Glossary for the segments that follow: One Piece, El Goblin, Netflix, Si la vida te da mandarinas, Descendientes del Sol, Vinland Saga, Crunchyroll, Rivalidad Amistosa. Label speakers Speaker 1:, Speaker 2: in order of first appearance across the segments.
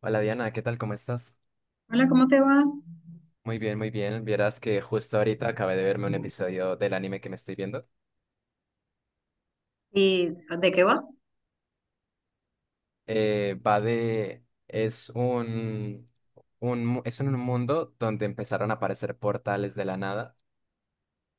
Speaker 1: Hola Diana, ¿qué tal? ¿Cómo estás?
Speaker 2: Hola, ¿cómo te va?
Speaker 1: Muy bien, muy bien. Vieras que justo ahorita acabé de verme un episodio del anime que me estoy viendo.
Speaker 2: ¿Y de qué va?
Speaker 1: Va de... Es un... mu- Es en un mundo donde empezaron a aparecer portales de la nada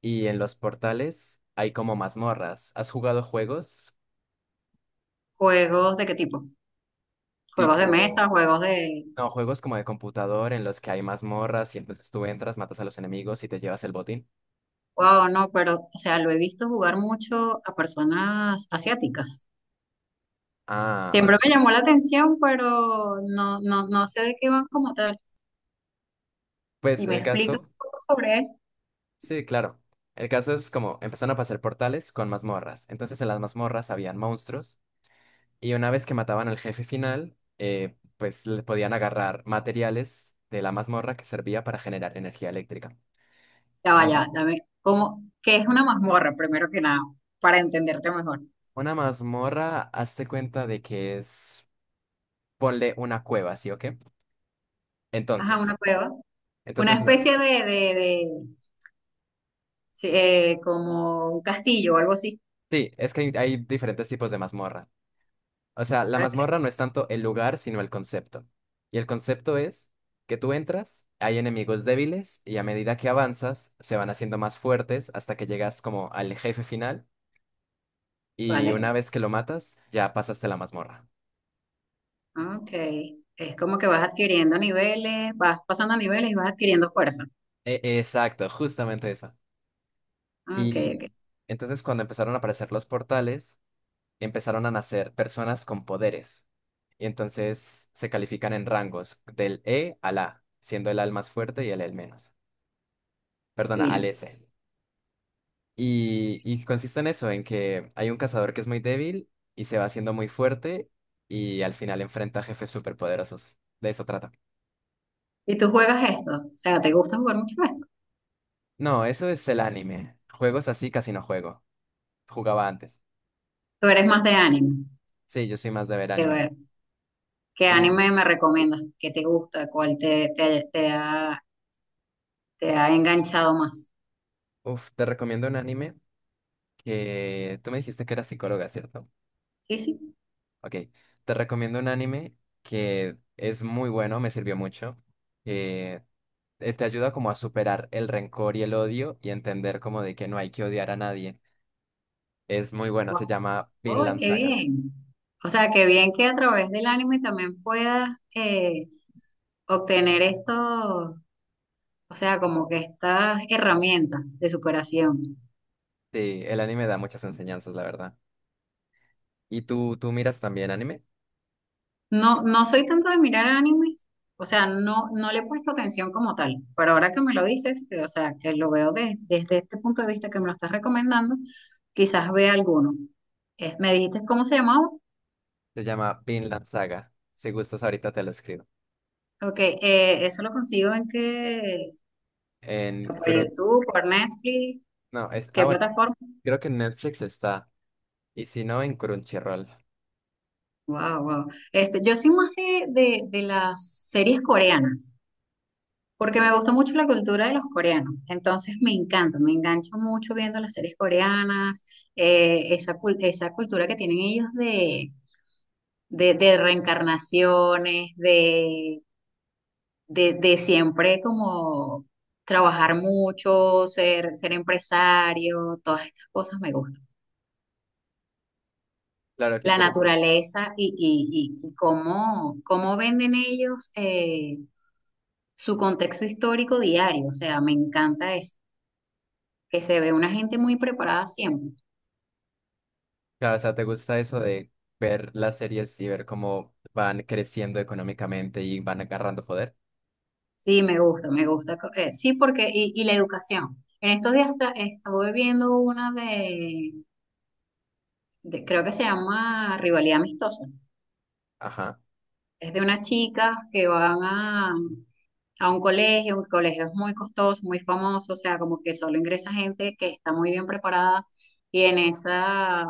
Speaker 1: y en los portales hay como mazmorras. ¿Has jugado juegos
Speaker 2: ¿Juegos de qué tipo? ¿Juegos de mesa?
Speaker 1: tipo...
Speaker 2: ¿Juegos de...?
Speaker 1: No, juegos como de computador en los que hay mazmorras y entonces tú entras, matas a los enemigos y te llevas el botín?
Speaker 2: Wow, no, pero, o sea, lo he visto jugar mucho a personas asiáticas.
Speaker 1: Ah, ok.
Speaker 2: Siempre me llamó la atención, pero no, no, no sé de qué van como tal.
Speaker 1: Pues
Speaker 2: Si me
Speaker 1: el
Speaker 2: explicas
Speaker 1: caso...
Speaker 2: un poco sobre eso,
Speaker 1: Sí, claro. El caso es como empezaron a pasar portales con mazmorras. Entonces en las mazmorras habían monstruos y una vez que mataban al jefe final, pues le podían agarrar materiales de la mazmorra que servía para generar energía eléctrica.
Speaker 2: ya
Speaker 1: Eh,
Speaker 2: vaya, dame, ¿cómo, qué es una mazmorra, primero que nada, para entenderte mejor?
Speaker 1: una mazmorra, hazte cuenta de que es, ponle una cueva, ¿sí o qué?
Speaker 2: Ajá,
Speaker 1: Entonces,
Speaker 2: una cueva. Una
Speaker 1: entonces los...
Speaker 2: especie de, sí, como un castillo o algo así.
Speaker 1: Sí, es que hay diferentes tipos de mazmorra. O sea, la
Speaker 2: Ok.
Speaker 1: mazmorra no es tanto el lugar, sino el concepto. Y el concepto es que tú entras, hay enemigos débiles y a medida que avanzas se van haciendo más fuertes hasta que llegas como al jefe final y
Speaker 2: Vale.
Speaker 1: una vez que lo matas ya pasaste la mazmorra.
Speaker 2: Ah, ok, es como que vas adquiriendo niveles, vas pasando niveles y vas adquiriendo fuerza.
Speaker 1: E- exacto, justamente eso.
Speaker 2: Ah, ok,
Speaker 1: Y
Speaker 2: ok,
Speaker 1: entonces cuando empezaron a aparecer los portales, empezaron a nacer personas con poderes. Y entonces se califican en rangos del E al A, siendo el A el más fuerte y el E el menos. Perdona, al
Speaker 2: divino.
Speaker 1: S. Y consiste en eso, en que hay un cazador que es muy débil y se va haciendo muy fuerte y al final enfrenta a jefes superpoderosos. De eso trata.
Speaker 2: ¿Y tú juegas esto? O sea, ¿te gusta jugar mucho esto?
Speaker 1: No, eso es el anime. Juegos así casi no juego. Jugaba antes.
Speaker 2: ¿Tú eres más de anime?
Speaker 1: Sí, yo soy más de ver
Speaker 2: De
Speaker 1: anime.
Speaker 2: ver, ¿qué
Speaker 1: Y,
Speaker 2: anime me recomiendas? ¿Qué te gusta? ¿Cuál te ha te ha enganchado más?
Speaker 1: uff, te recomiendo un anime que... Tú me dijiste que eras psicóloga, ¿cierto?
Speaker 2: Sí, sí.
Speaker 1: Ok. Te recomiendo un anime que es muy bueno, me sirvió mucho. Que te ayuda como a superar el rencor y el odio y entender como de que no hay que odiar a nadie. Es muy buena, se
Speaker 2: Guau.
Speaker 1: llama
Speaker 2: ¡Ay,
Speaker 1: Vinland
Speaker 2: qué
Speaker 1: Saga.
Speaker 2: bien! O sea, qué bien que a través del anime también puedas eh, obtener esto, o sea, como que estas herramientas de superación.
Speaker 1: Sí, el anime da muchas enseñanzas, la verdad. ¿Y tú miras también anime?
Speaker 2: No, no soy tanto de mirar animes, o sea, no, no le he puesto atención como tal, pero ahora que me lo dices, o sea, que lo veo desde este punto de vista que me lo estás recomendando, quizás vea alguno. Me dijiste cómo se llamaba,
Speaker 1: Se llama Vinland Saga. Si gustas, ahorita te lo escribo.
Speaker 2: ok, eso lo consigo en que,
Speaker 1: En
Speaker 2: ¿por
Speaker 1: Crun...
Speaker 2: YouTube, por Netflix,
Speaker 1: No, es... Ah,
Speaker 2: qué
Speaker 1: bueno.
Speaker 2: plataforma?
Speaker 1: Creo que en Netflix está. Y si no, en Crunchyroll.
Speaker 2: Wow, wow. Este, yo soy más de las series coreanas. Porque me gusta mucho la cultura de los coreanos, entonces me encanta, me engancho mucho viendo las series coreanas, esa, esa cultura que tienen ellos de, de reencarnaciones, de siempre como trabajar mucho, ser, ser empresario, todas estas cosas me gustan.
Speaker 1: Claro, qué
Speaker 2: La
Speaker 1: interesante.
Speaker 2: naturaleza y cómo, cómo venden ellos su contexto histórico diario, o sea, me encanta eso. Que se ve una gente muy preparada siempre.
Speaker 1: Claro, o sea, ¿te gusta eso de ver las series y ver cómo van creciendo económicamente y van agarrando poder?
Speaker 2: Sí, me gusta, me gusta. Sí, porque, y la educación. En estos días estuve viendo una de, creo que se llama Rivalidad Amistosa.
Speaker 1: Ajá.
Speaker 2: Es de unas chicas que van a un colegio es muy costoso, muy famoso, o sea, como que solo ingresa gente que está muy bien preparada. Y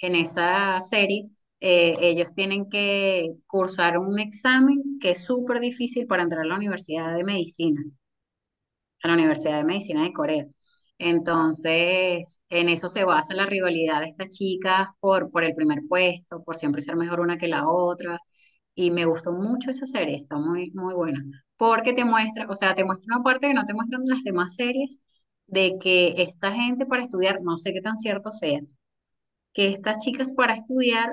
Speaker 2: en esa serie, ellos tienen que cursar un examen que es súper difícil para entrar a la Universidad de Medicina. A la Universidad de Medicina de Corea. Entonces, en eso se basa la rivalidad de estas chicas por el primer puesto, por siempre ser mejor una que la otra. Y me gustó mucho esa serie, está muy, muy buena. Porque te muestra, o sea, te muestra una parte que no te muestran las demás series, de que esta gente para estudiar, no sé qué tan cierto sea, que estas chicas para estudiar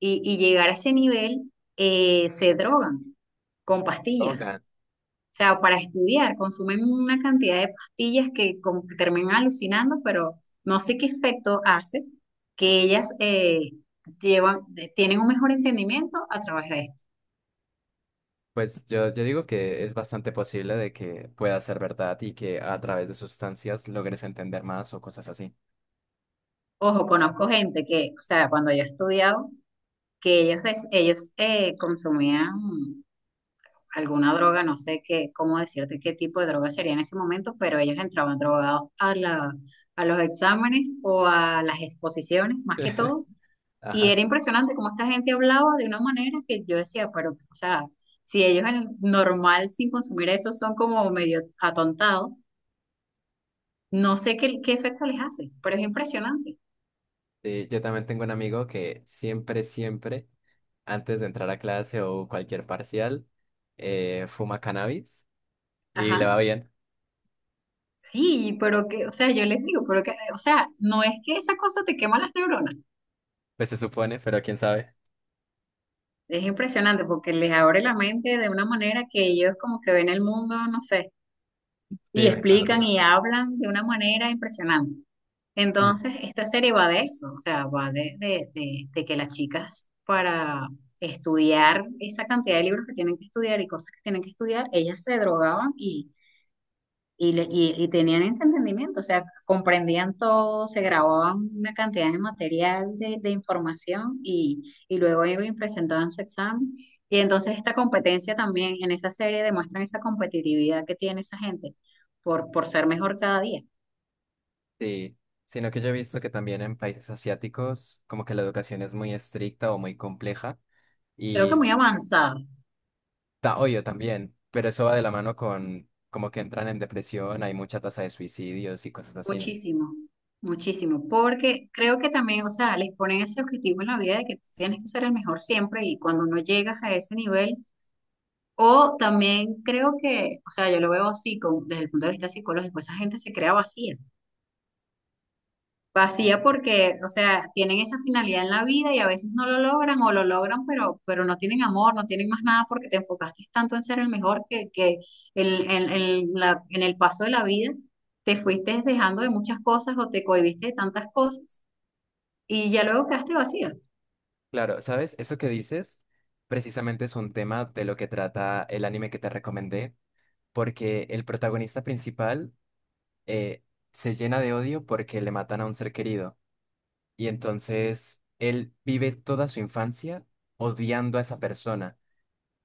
Speaker 2: y llegar a ese nivel se drogan con pastillas.
Speaker 1: Logan.
Speaker 2: O sea, para estudiar, consumen una cantidad de pastillas que como que terminan alucinando, pero no sé qué efecto hace que ellas llevan, tienen un mejor entendimiento a través de esto.
Speaker 1: Pues yo digo que es bastante posible de que pueda ser verdad y que a través de sustancias logres entender más o cosas así.
Speaker 2: Ojo, conozco gente que, o sea, cuando yo he estudiado, que ellos, consumían alguna droga, no sé qué, cómo decirte qué tipo de droga sería en ese momento, pero ellos entraban drogados a los exámenes o a las exposiciones, más que todo. Y
Speaker 1: Ajá.
Speaker 2: era impresionante cómo esta gente hablaba de una manera que yo decía, pero, o sea, si ellos en el normal sin consumir eso son como medio atontados, no sé qué, qué efecto les hace, pero es impresionante.
Speaker 1: Sí, yo también tengo un amigo que siempre, siempre, antes de entrar a clase o cualquier parcial, fuma cannabis y
Speaker 2: Ajá.
Speaker 1: le va bien,
Speaker 2: Sí, pero que, o sea, yo les digo, pero que, o sea, no es que esa cosa te quema las neuronas.
Speaker 1: pues se supone, pero quién sabe.
Speaker 2: Es impresionante porque les abre la mente de una manera que ellos como que ven el mundo, no sé,
Speaker 1: Sí,
Speaker 2: y
Speaker 1: me acuerdo.
Speaker 2: explican y hablan de una manera impresionante.
Speaker 1: Sí.
Speaker 2: Entonces, esta serie va de eso, o sea, va de, de que las chicas para estudiar esa cantidad de libros que tienen que estudiar y cosas que tienen que estudiar, ellas se drogaban y tenían ese entendimiento, o sea, comprendían todo, se grababan una cantidad de material de información y luego iban y presentaban su examen. Y entonces esta competencia también en esa serie demuestran esa competitividad que tiene esa gente por ser mejor cada día.
Speaker 1: Sí, sino que yo he visto que también en países asiáticos como que la educación es muy estricta o muy compleja
Speaker 2: Creo que
Speaker 1: y
Speaker 2: muy avanzada.
Speaker 1: ta- obvio, también, pero eso va de la mano con como que entran en depresión, hay mucha tasa de suicidios y cosas así, ¿no?
Speaker 2: Muchísimo, muchísimo, porque creo que también, o sea, les ponen ese objetivo en la vida de que tú tienes que ser el mejor siempre y cuando no llegas a ese nivel, o también creo que, o sea, yo lo veo así con, desde el punto de vista psicológico, esa gente se crea vacía. Vacía porque, o sea, tienen esa finalidad en la vida y a veces no lo logran o lo logran, pero no tienen amor, no tienen más nada porque te enfocaste tanto en ser el mejor que el, en, en el paso de la vida te fuiste dejando de muchas cosas o te cohibiste de tantas cosas y ya luego quedaste vacía.
Speaker 1: Claro, ¿sabes? Eso que dices precisamente es un tema de lo que trata el anime que te recomendé, porque el protagonista principal eh, se llena de odio porque le matan a un ser querido y entonces él vive toda su infancia odiando a esa persona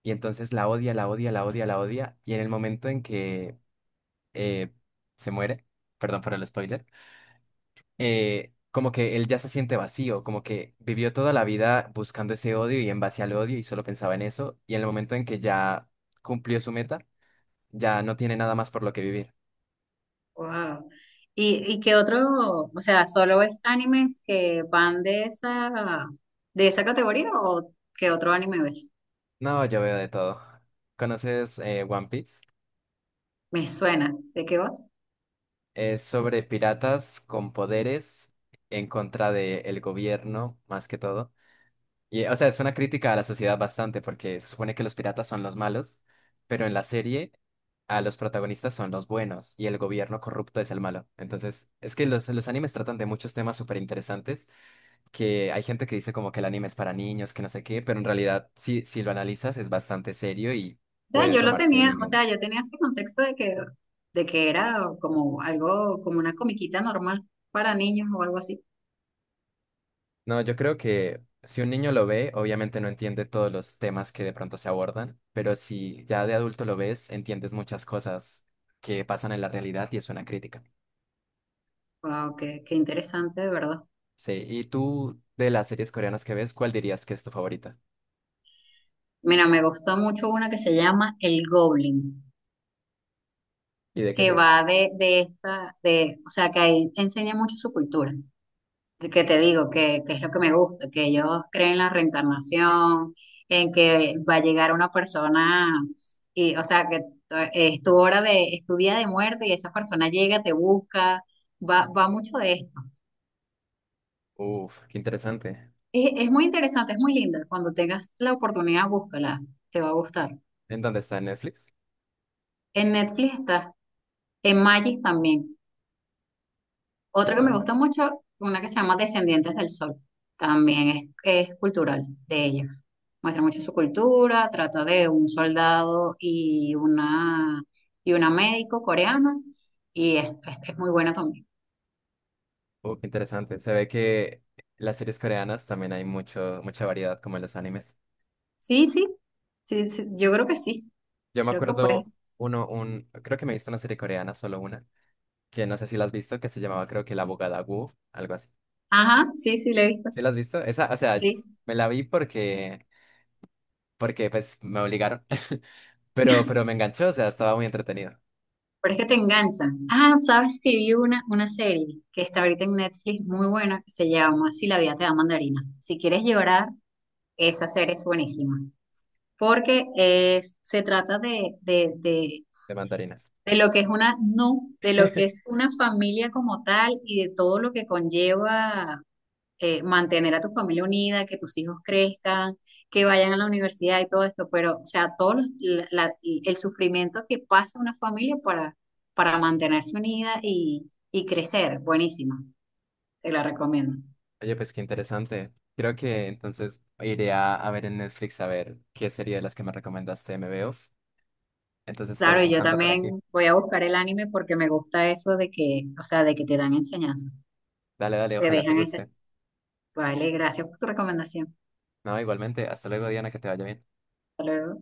Speaker 1: y entonces la odia, la odia, la odia, la odia y en el momento en que eh, se muere, perdón por el spoiler, como que él ya se siente vacío, como que vivió toda la vida buscando ese odio y en base al odio y solo pensaba en eso, y en el momento en que ya cumplió su meta, ya no tiene nada más por lo que vivir.
Speaker 2: Wow. Y qué otro, o sea, ¿solo ves animes que van de esa categoría o qué otro anime ves?
Speaker 1: No, yo veo de todo. ¿Conoces One Piece?
Speaker 2: Me suena. ¿De qué va?
Speaker 1: Es sobre piratas con poderes en contra del gobierno, más que todo. Y, o sea, es una crítica a la sociedad bastante, porque se supone que los piratas son los malos, pero en la serie a los protagonistas son los buenos y el gobierno corrupto es el malo. Entonces, es que los animes tratan de muchos temas súper interesantes, que hay gente que dice como que el anime es para niños, que no sé qué, pero en realidad, si lo analizas, es bastante serio y
Speaker 2: O sea,
Speaker 1: puede
Speaker 2: yo lo
Speaker 1: tomarse
Speaker 2: tenía,
Speaker 1: muy
Speaker 2: o
Speaker 1: bien.
Speaker 2: sea, yo tenía ese contexto de que era como algo, como una comiquita normal para niños o algo así.
Speaker 1: No, yo creo que si un niño lo ve, obviamente no entiende todos los temas que de pronto se abordan, pero si ya de adulto lo ves, entiendes muchas cosas que pasan en la realidad y es una crítica.
Speaker 2: Wow, qué, qué interesante, de verdad.
Speaker 1: Sí, y tú, de las series coreanas que ves, ¿cuál dirías que es tu favorita?
Speaker 2: Mira, me gustó mucho una que se llama El Goblin,
Speaker 1: ¿Y de qué
Speaker 2: que
Speaker 1: trata?
Speaker 2: va de esta, de, o sea, que ahí enseña mucho su cultura. Que te digo, que es lo que me gusta, que ellos creen en la reencarnación, en que va a llegar una persona, y, o sea, que es tu hora de, es tu día de muerte y esa persona llega, te busca, va, va mucho de esto.
Speaker 1: Uf, qué interesante.
Speaker 2: Es muy interesante, es muy linda. Cuando tengas la oportunidad, búscala, te va a gustar.
Speaker 1: ¿En dónde está? ¿En Netflix?
Speaker 2: En Netflix está, en Magis también.
Speaker 1: Sí,
Speaker 2: Otra que me
Speaker 1: no.
Speaker 2: gusta mucho, una que se llama Descendientes del Sol. También es cultural de ellos. Muestra mucho su cultura, trata de un soldado y una médico coreana y es, es muy buena también.
Speaker 1: Qué interesante. Se ve que las series coreanas también hay mucho, mucha variedad, como en los animes.
Speaker 2: Sí, sí, sí, sí, yo creo que sí,
Speaker 1: Yo me
Speaker 2: creo que puede.
Speaker 1: acuerdo uno, un, creo que me he visto una serie coreana, solo una que no sé si la has visto, que se llamaba creo que La Abogada Wu, algo así.
Speaker 2: Ajá, sí, sí, la he visto,
Speaker 1: ¿Sí la has visto? Esa, o sea,
Speaker 2: sí.
Speaker 1: me la vi porque, porque pues me obligaron, pero me enganchó, o sea, estaba muy entretenido.
Speaker 2: Pero es que te enganchan. Ah, sabes que vi una serie que está ahorita en Netflix muy buena que se llama Si la vida te da mandarinas. Si quieres llorar, esa serie es buenísima. Porque es, se trata
Speaker 1: De mandarinas.
Speaker 2: de lo que es una, no, de lo que es una familia como tal y de todo lo que conlleva mantener a tu familia unida, que tus hijos crezcan, que vayan a la universidad y todo esto, pero, o sea, todo la- el sufrimiento que pasa una familia para mantenerse unida y crecer, buenísima, te la recomiendo.
Speaker 1: Oye, pues qué interesante. Creo que entonces iré a ver en Netflix a ver qué serie de las que me recomendaste me veo. Entonces te voy
Speaker 2: Claro, y yo
Speaker 1: dejando por aquí.
Speaker 2: también voy a buscar el anime porque me gusta eso de que, o sea, de que te dan enseñanzas,
Speaker 1: Dale, dale,
Speaker 2: te
Speaker 1: ojalá te
Speaker 2: dejan esa.
Speaker 1: guste.
Speaker 2: Vale, gracias por tu recomendación.
Speaker 1: No, igualmente, hasta luego, Diana, que te vaya bien.
Speaker 2: Hasta luego.